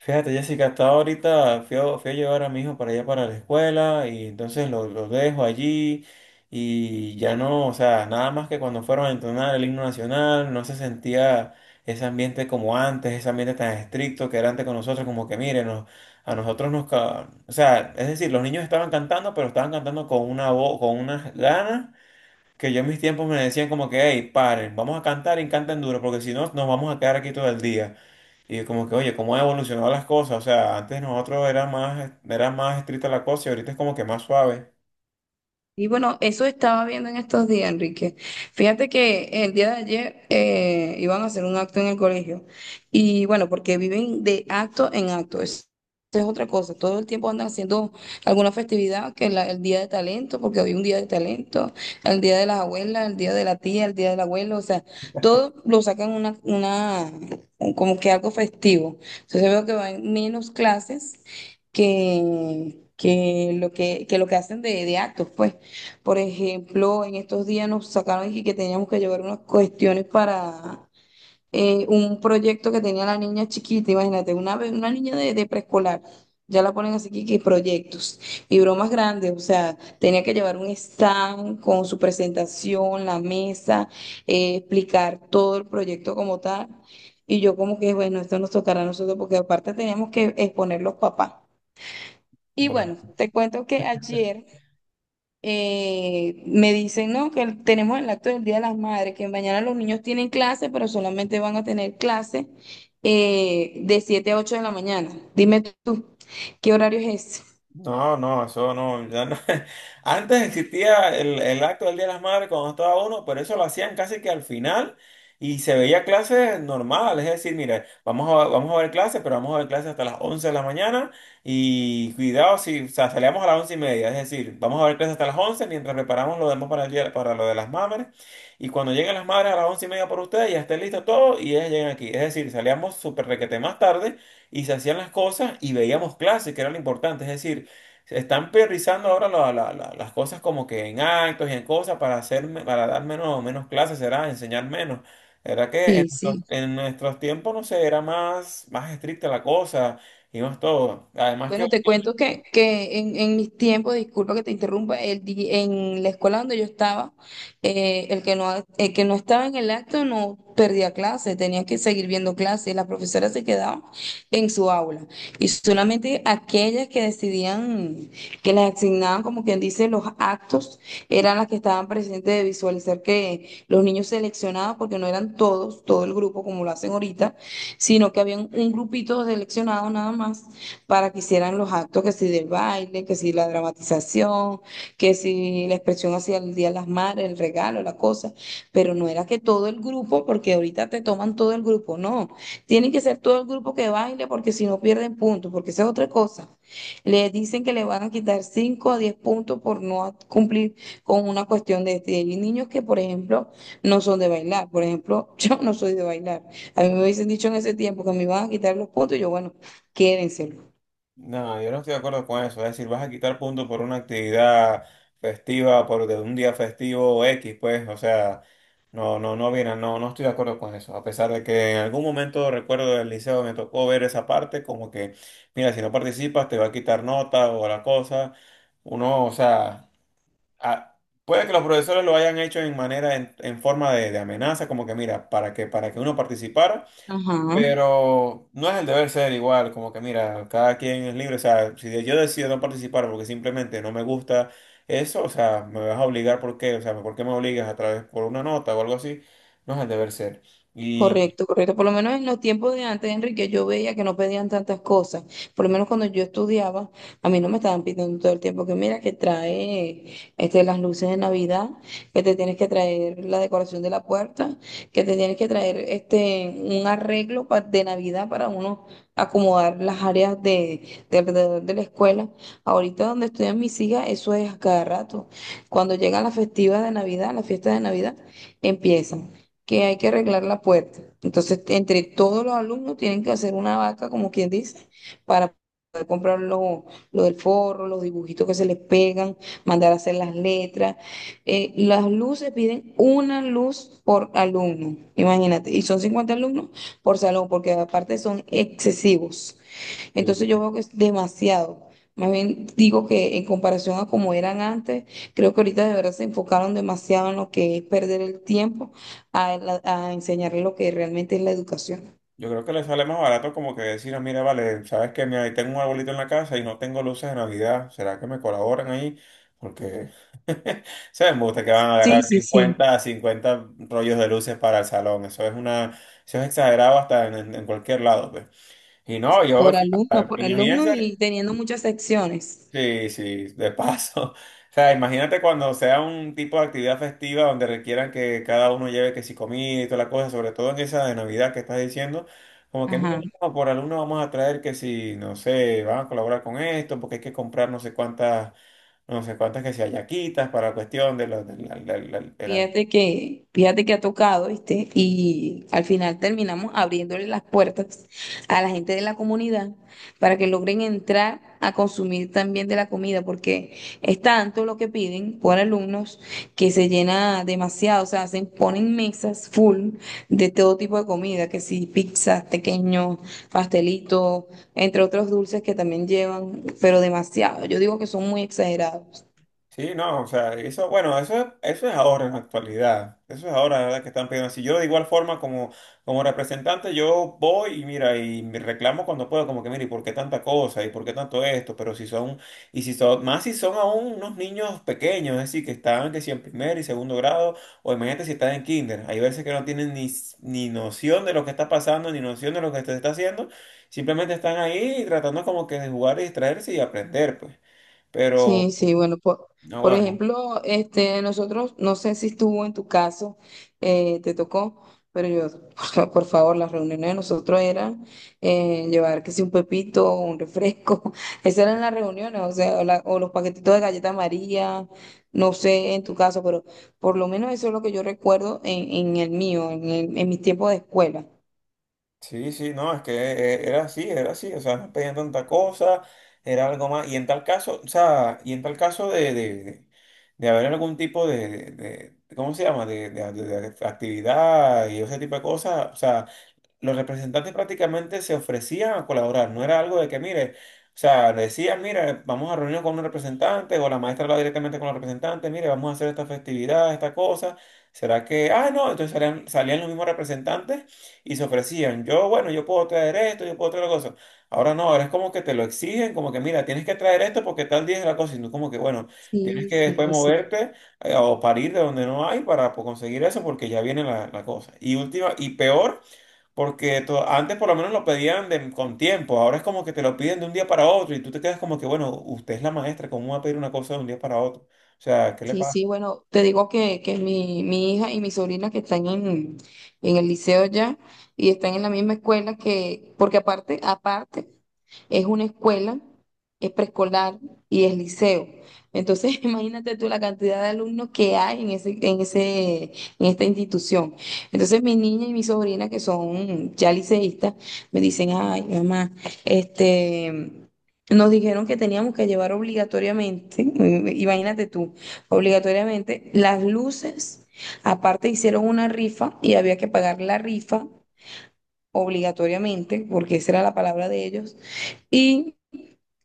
Fíjate, Jessica, hasta ahorita fui a llevar a mi hijo para allá para la escuela y entonces lo dejo allí y ya no, o sea, nada más que cuando fueron a entonar el himno nacional no se sentía ese ambiente como antes, ese ambiente tan estricto que era antes con nosotros, como que miren, a nosotros o sea, es decir, los niños estaban cantando, pero estaban cantando con una voz, con unas ganas que yo en mis tiempos me decían como que, hey, paren, vamos a cantar y canten duro porque si no nos vamos a quedar aquí todo el día. Y como que, oye, cómo han evolucionado las cosas. O sea, antes nosotros era más estricta la cosa y ahorita es como que más suave. Y bueno, eso estaba viendo en estos días, Enrique. Fíjate que el día de ayer iban a hacer un acto en el colegio. Y bueno, porque viven de acto en acto. Esa es otra cosa. Todo el tiempo andan haciendo alguna festividad, el día de talento, porque hoy un día de talento, el día de las abuelas, el día de la tía, el día del abuelo. O sea, todo lo sacan como que algo festivo. Entonces veo que van menos clases que lo que hacen de actos, pues. Por ejemplo, en estos días nos sacaron y que teníamos que llevar unas cuestiones para un proyecto que tenía la niña chiquita, imagínate, una niña de preescolar. Ya la ponen así que proyectos y bromas grandes, o sea, tenía que llevar un stand con su presentación, la mesa, explicar todo el proyecto como tal. Y yo como que, bueno, esto nos tocará a nosotros porque aparte teníamos que exponer los papás. Y bueno, te cuento que ayer me dicen, no, que tenemos el acto del Día de las Madres, que mañana los niños tienen clase, pero solamente van a tener clase de 7 a 8 de la mañana. Dime tú, ¿qué horario es ese? No, no, eso no, ya no. Antes existía el acto del Día de las Madres cuando estaba uno, pero eso lo hacían casi que al final y se veía clases normales, es decir, mire, vamos a ver clases, pero vamos a ver clases hasta las 11 de la mañana y cuidado si, o sea, salíamos a las 11:30, es decir, vamos a ver clases hasta las 11 mientras preparamos lo demás para el día, para lo de las madres y cuando lleguen las madres a las 11:30 por ustedes ya esté listo todo y ellas llegan aquí, es decir, salíamos súper requete más tarde y se hacían las cosas y veíamos clases, que era lo importante, es decir, se están priorizando ahora las cosas como que en actos y en cosas para hacer, para dar menos, clases, será enseñar menos. La verdad que Sí, sí. en nuestros tiempos, no sé, era más estricta la cosa y más todo. Además que. Bueno, te cuento que en mis tiempos, disculpa que te interrumpa, en la escuela donde yo estaba, el que no estaba en el acto no perdía clase, tenía que seguir viendo clases, las profesoras se quedaban en su aula y solamente aquellas que decidían, que les asignaban, como quien dice, los actos, eran las que estaban presentes de visualizar que los niños seleccionados, porque no eran todos, todo el grupo como lo hacen ahorita, sino que habían un grupito seleccionado nada más para que hicieran los actos, que si del baile, que si la dramatización, que si la expresión hacia el Día de las Madres, el regalo, la cosa, pero no era que todo el grupo, porque ahorita te toman todo el grupo, no, tienen que ser todo el grupo que baile porque si no pierden puntos, porque esa es otra cosa. Le dicen que le van a quitar 5 a 10 puntos por no cumplir con una cuestión de este. Hay niños que, por ejemplo, no son de bailar. Por ejemplo, yo no soy de bailar. A mí me hubiesen dicho en ese tiempo que me iban a quitar los puntos y yo, bueno, quédense. No, yo no estoy de acuerdo con eso. Es decir, vas a quitar puntos por una actividad festiva, por de un día festivo X, pues, o sea, no, no, no, mira, no, no estoy de acuerdo con eso. A pesar de que en algún momento recuerdo del liceo me tocó ver esa parte, como que, mira, si no participas te va a quitar nota o la cosa. Uno, o sea, a- puede que los profesores lo hayan hecho en manera, en forma de amenaza, como que, mira, para que uno participara. Ajá, Pero no es el deber ser igual, como que mira, cada quien es libre, o sea, si yo decido no participar porque simplemente no me gusta eso, o sea, me vas a obligar, ¿por qué? O sea, ¿por qué me obligas a través por una nota o algo así? No es el deber ser. Y correcto, correcto. Por lo menos en los tiempos de antes, Enrique, yo veía que no pedían tantas cosas. Por lo menos cuando yo estudiaba, a mí no me estaban pidiendo todo el tiempo que mira, que trae este, las luces de Navidad, que te tienes que traer la decoración de la puerta, que te tienes que traer este, un arreglo de Navidad para uno acomodar las áreas de alrededor de la escuela. Ahorita donde estudian mis hijas, eso es a cada rato. Cuando llegan las festivas de Navidad, las fiestas de Navidad, empiezan. Que hay que arreglar la puerta. Entonces, entre todos los alumnos tienen que hacer una vaca, como quien dice, para poder comprar lo del forro, los dibujitos que se les pegan, mandar a hacer las letras. Las luces piden una luz por alumno, imagínate, y son 50 alumnos por salón, porque aparte son excesivos. eh, Entonces yo veo que es demasiado. Más bien digo que en comparación a como eran antes, creo que ahorita de verdad se enfocaron demasiado en lo que es perder el tiempo a enseñarle lo que realmente es la educación. yo creo que le sale más barato como que decir, "Ah, mira, vale, sabes que mira, ahí tengo un arbolito en la casa y no tengo luces de Navidad, ¿será que me colaboran ahí? Porque se me gusta que van a Sí, agarrar sí, sí. 50 a 50 rollos de luces para el salón. Eso es exagerado hasta en cualquier lado, pues. Y no, yo, o sea, Por alumno imagínense. y teniendo muchas secciones. Sí, sí, de paso. O sea, imagínate cuando sea un tipo de actividad festiva donde requieran que cada uno lleve que si comida y toda la cosa, sobre todo en esa de Navidad que estás diciendo, como que mira, Ajá. no, por alumno vamos a traer que si, no sé, van a colaborar con esto, porque hay que comprar no sé cuántas, que si hallaquitas para cuestión de del almuerzo. Fíjate que ha tocado, ¿viste? Y al final terminamos abriéndole las puertas a la gente de la comunidad para que logren entrar a consumir también de la comida, porque es tanto lo que piden por alumnos que se llena demasiado, o sea, se ponen mesas full de todo tipo de comida, que si pizzas, pequeños, pastelitos, entre otros dulces que también llevan, pero demasiado. Yo digo que son muy exagerados. Sí, no, o sea, eso, bueno, eso, eso es ahora en la actualidad. Eso es ahora, la verdad, que están pidiendo así. Yo de igual forma como representante, yo voy y mira, y me reclamo cuando puedo, como que, mira, ¿y por qué tanta cosa? ¿Y por qué tanto esto? Pero si son, y si son, más si son aún unos niños pequeños, es decir, que están, que si en primer y segundo grado, o imagínate si están en kinder. Hay veces que no tienen ni, ni noción de lo que está pasando, ni noción de lo que se está haciendo. Simplemente están ahí tratando como que de jugar y distraerse y aprender, pues. Pero. Sí, sí, bueno, por Ahora. ejemplo, este, nosotros, no sé si estuvo en tu caso, te tocó, pero yo, por favor, las reuniones de nosotros eran llevar, que si un pepito, un refresco, esas eran las reuniones, o sea, o los paquetitos de galleta María, no sé en tu caso, pero por lo menos eso es lo que yo recuerdo en el mío, en mis tiempos de escuela. Sí, sí, no, es que era así, o sea, no pedían tanta cosa, era algo más, y en tal caso, o sea, y en tal caso de haber algún tipo ¿cómo se llama?, de actividad y ese tipo de cosas, o sea, los representantes prácticamente se ofrecían a colaborar, no era algo de que, mire, o sea, decían, mire, vamos a reunirnos con un representante, o la maestra hablaba directamente con los representantes, mire, vamos a hacer esta festividad, esta cosa, ¿será que, ah, no, entonces salían los mismos representantes y se ofrecían, yo, bueno, yo puedo traer esto, yo puedo traer la cosa. Ahora no, ahora es como que te lo exigen, como que, mira, tienes que traer esto porque tal día es la cosa, y no como que, bueno, tienes Sí, que sí, después sí. moverte o parir de donde no hay para pues, conseguir eso porque ya viene la cosa. Y última, y peor. Porque antes por lo menos lo pedían con tiempo, ahora es como que te lo piden de un día para otro y tú te quedas como que, bueno, usted es la maestra, ¿cómo va a pedir una cosa de un día para otro? O sea, ¿qué le Sí, pasa? sí, bueno, te digo que mi hija y mi sobrina que están en el liceo ya y están en la misma escuela que, porque es una escuela, es preescolar y es liceo. Entonces, imagínate tú la cantidad de alumnos que hay en esta institución. Entonces, mi niña y mi sobrina que son ya liceístas me dicen, ay, mamá, este... Nos dijeron que teníamos que llevar obligatoriamente, imagínate tú obligatoriamente. Las luces, aparte hicieron una rifa y había que pagar la rifa obligatoriamente, porque esa era la palabra de ellos, y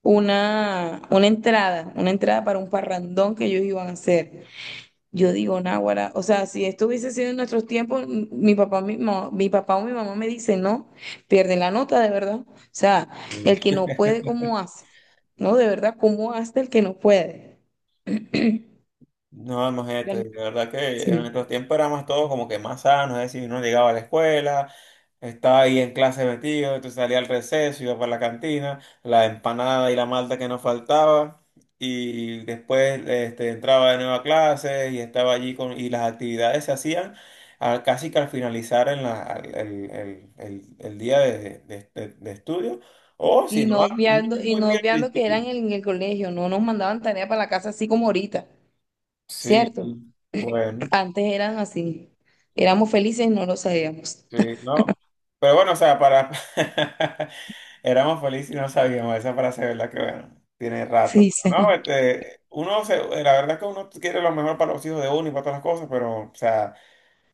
una entrada para un parrandón que ellos iban a hacer. Yo digo, náguara, o sea, si esto hubiese sido en nuestros tiempos, mi papá, mi papá o mi mamá me dicen, no, pierden la nota, de verdad. O sea, el que no puede, ¿cómo hace? No, de verdad, ¿cómo hace el que no puede? No, imagínate, Gran- de verdad que en Sí. nuestros tiempos éramos todos como que más sanos, es decir, uno llegaba a la escuela, estaba ahí en clase metido, entonces salía al receso, iba para la cantina, la empanada y la malta que nos faltaba, y después entraba de nuevo a clase y estaba allí con, y las actividades se hacían casi que al finalizar en la, al- el día de estudio, o si Y no, no muy, obviando, muy bien al que principio. eran en el colegio, no nos mandaban tarea para la casa así como ahorita, Sí, ¿cierto? bueno. Antes eran así, éramos felices y no lo sabíamos. Sí, no. Pero bueno, o sea, para. Éramos felices y no sabíamos esa frase, ¿verdad? Que bueno, tiene rato. Sí, Pero sí. no, uno se, la verdad que uno quiere lo mejor para los hijos de uno y para todas las cosas, pero, o sea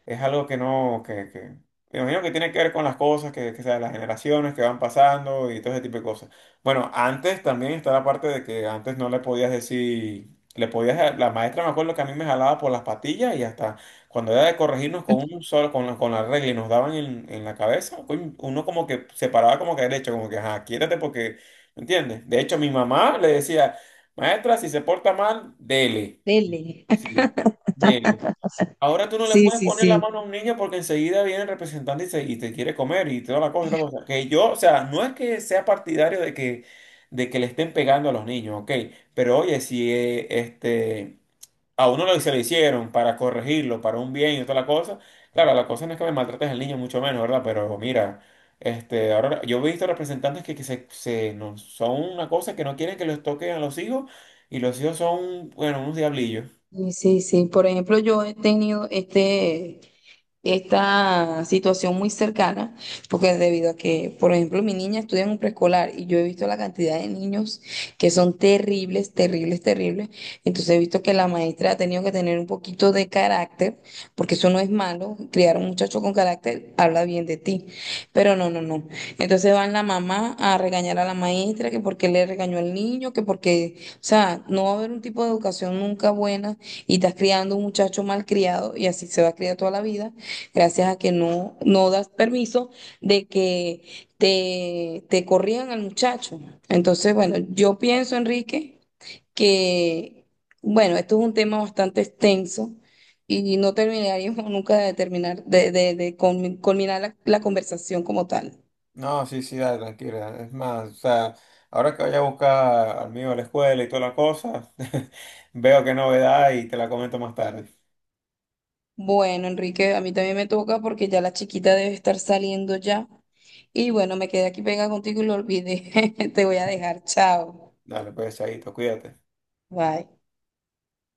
es algo que no, me imagino que tiene que ver con las cosas, que sea, las generaciones que van pasando y todo ese tipo de cosas. Bueno, antes también está la parte de que antes no le podías decir, le podías, la maestra me acuerdo que a mí me jalaba por las patillas y hasta cuando era de corregirnos con un solo, con la regla y nos daban en la cabeza, coño, uno como que se paraba como que derecho, como que, ajá, quiérate porque, ¿me entiendes? De hecho, mi mamá le decía, maestra, si se porta mal, dele. Dele. Sí, dele. Ahora tú no le Sí, puedes sí, poner la sí. mano a un niño porque enseguida viene el representante y, y te quiere comer y toda la cosa y la cosa. Que yo, o sea, no es que sea partidario de que, le estén pegando a los niños, ok. Pero oye, si a uno lo, se lo hicieron para corregirlo, para un bien y toda la cosa, claro, la cosa no es que me maltrates al niño, mucho menos, ¿verdad? Pero mira, ahora yo he visto representantes que se, no, son una cosa que no quieren que los toquen a los hijos y los hijos son, bueno, unos diablillos. Sí, sí, sí. Por ejemplo, yo he tenido esta situación muy cercana, porque debido a que, por ejemplo, mi niña estudia en un preescolar y yo he visto la cantidad de niños que son terribles, terribles, terribles, entonces he visto que la maestra ha tenido que tener un poquito de carácter, porque eso no es malo, criar a un muchacho con carácter habla bien de ti, pero no, no, no. Entonces van la mamá a regañar a la maestra, que porque le regañó al niño, que porque, o sea, no va a haber un tipo de educación nunca buena y estás criando un muchacho mal criado y así se va a criar toda la vida gracias a que no das permiso de que te corrían al muchacho. Entonces, bueno, yo pienso, Enrique, que, bueno, esto es un tema bastante extenso y no terminaríamos nunca de terminar, culminar la conversación como tal. No, sí, sí, dale, tranquila. Es más, o sea, ahora que vaya a buscar al mío a la escuela y toda la cosa, veo qué novedad y te la comento más tarde. Bueno, Enrique, a mí también me toca porque ya la chiquita debe estar saliendo ya. Y bueno, me quedé aquí pegada contigo y lo olvidé. Te voy a dejar. Chao. Dale, pues, chaito, cuídate. Bye.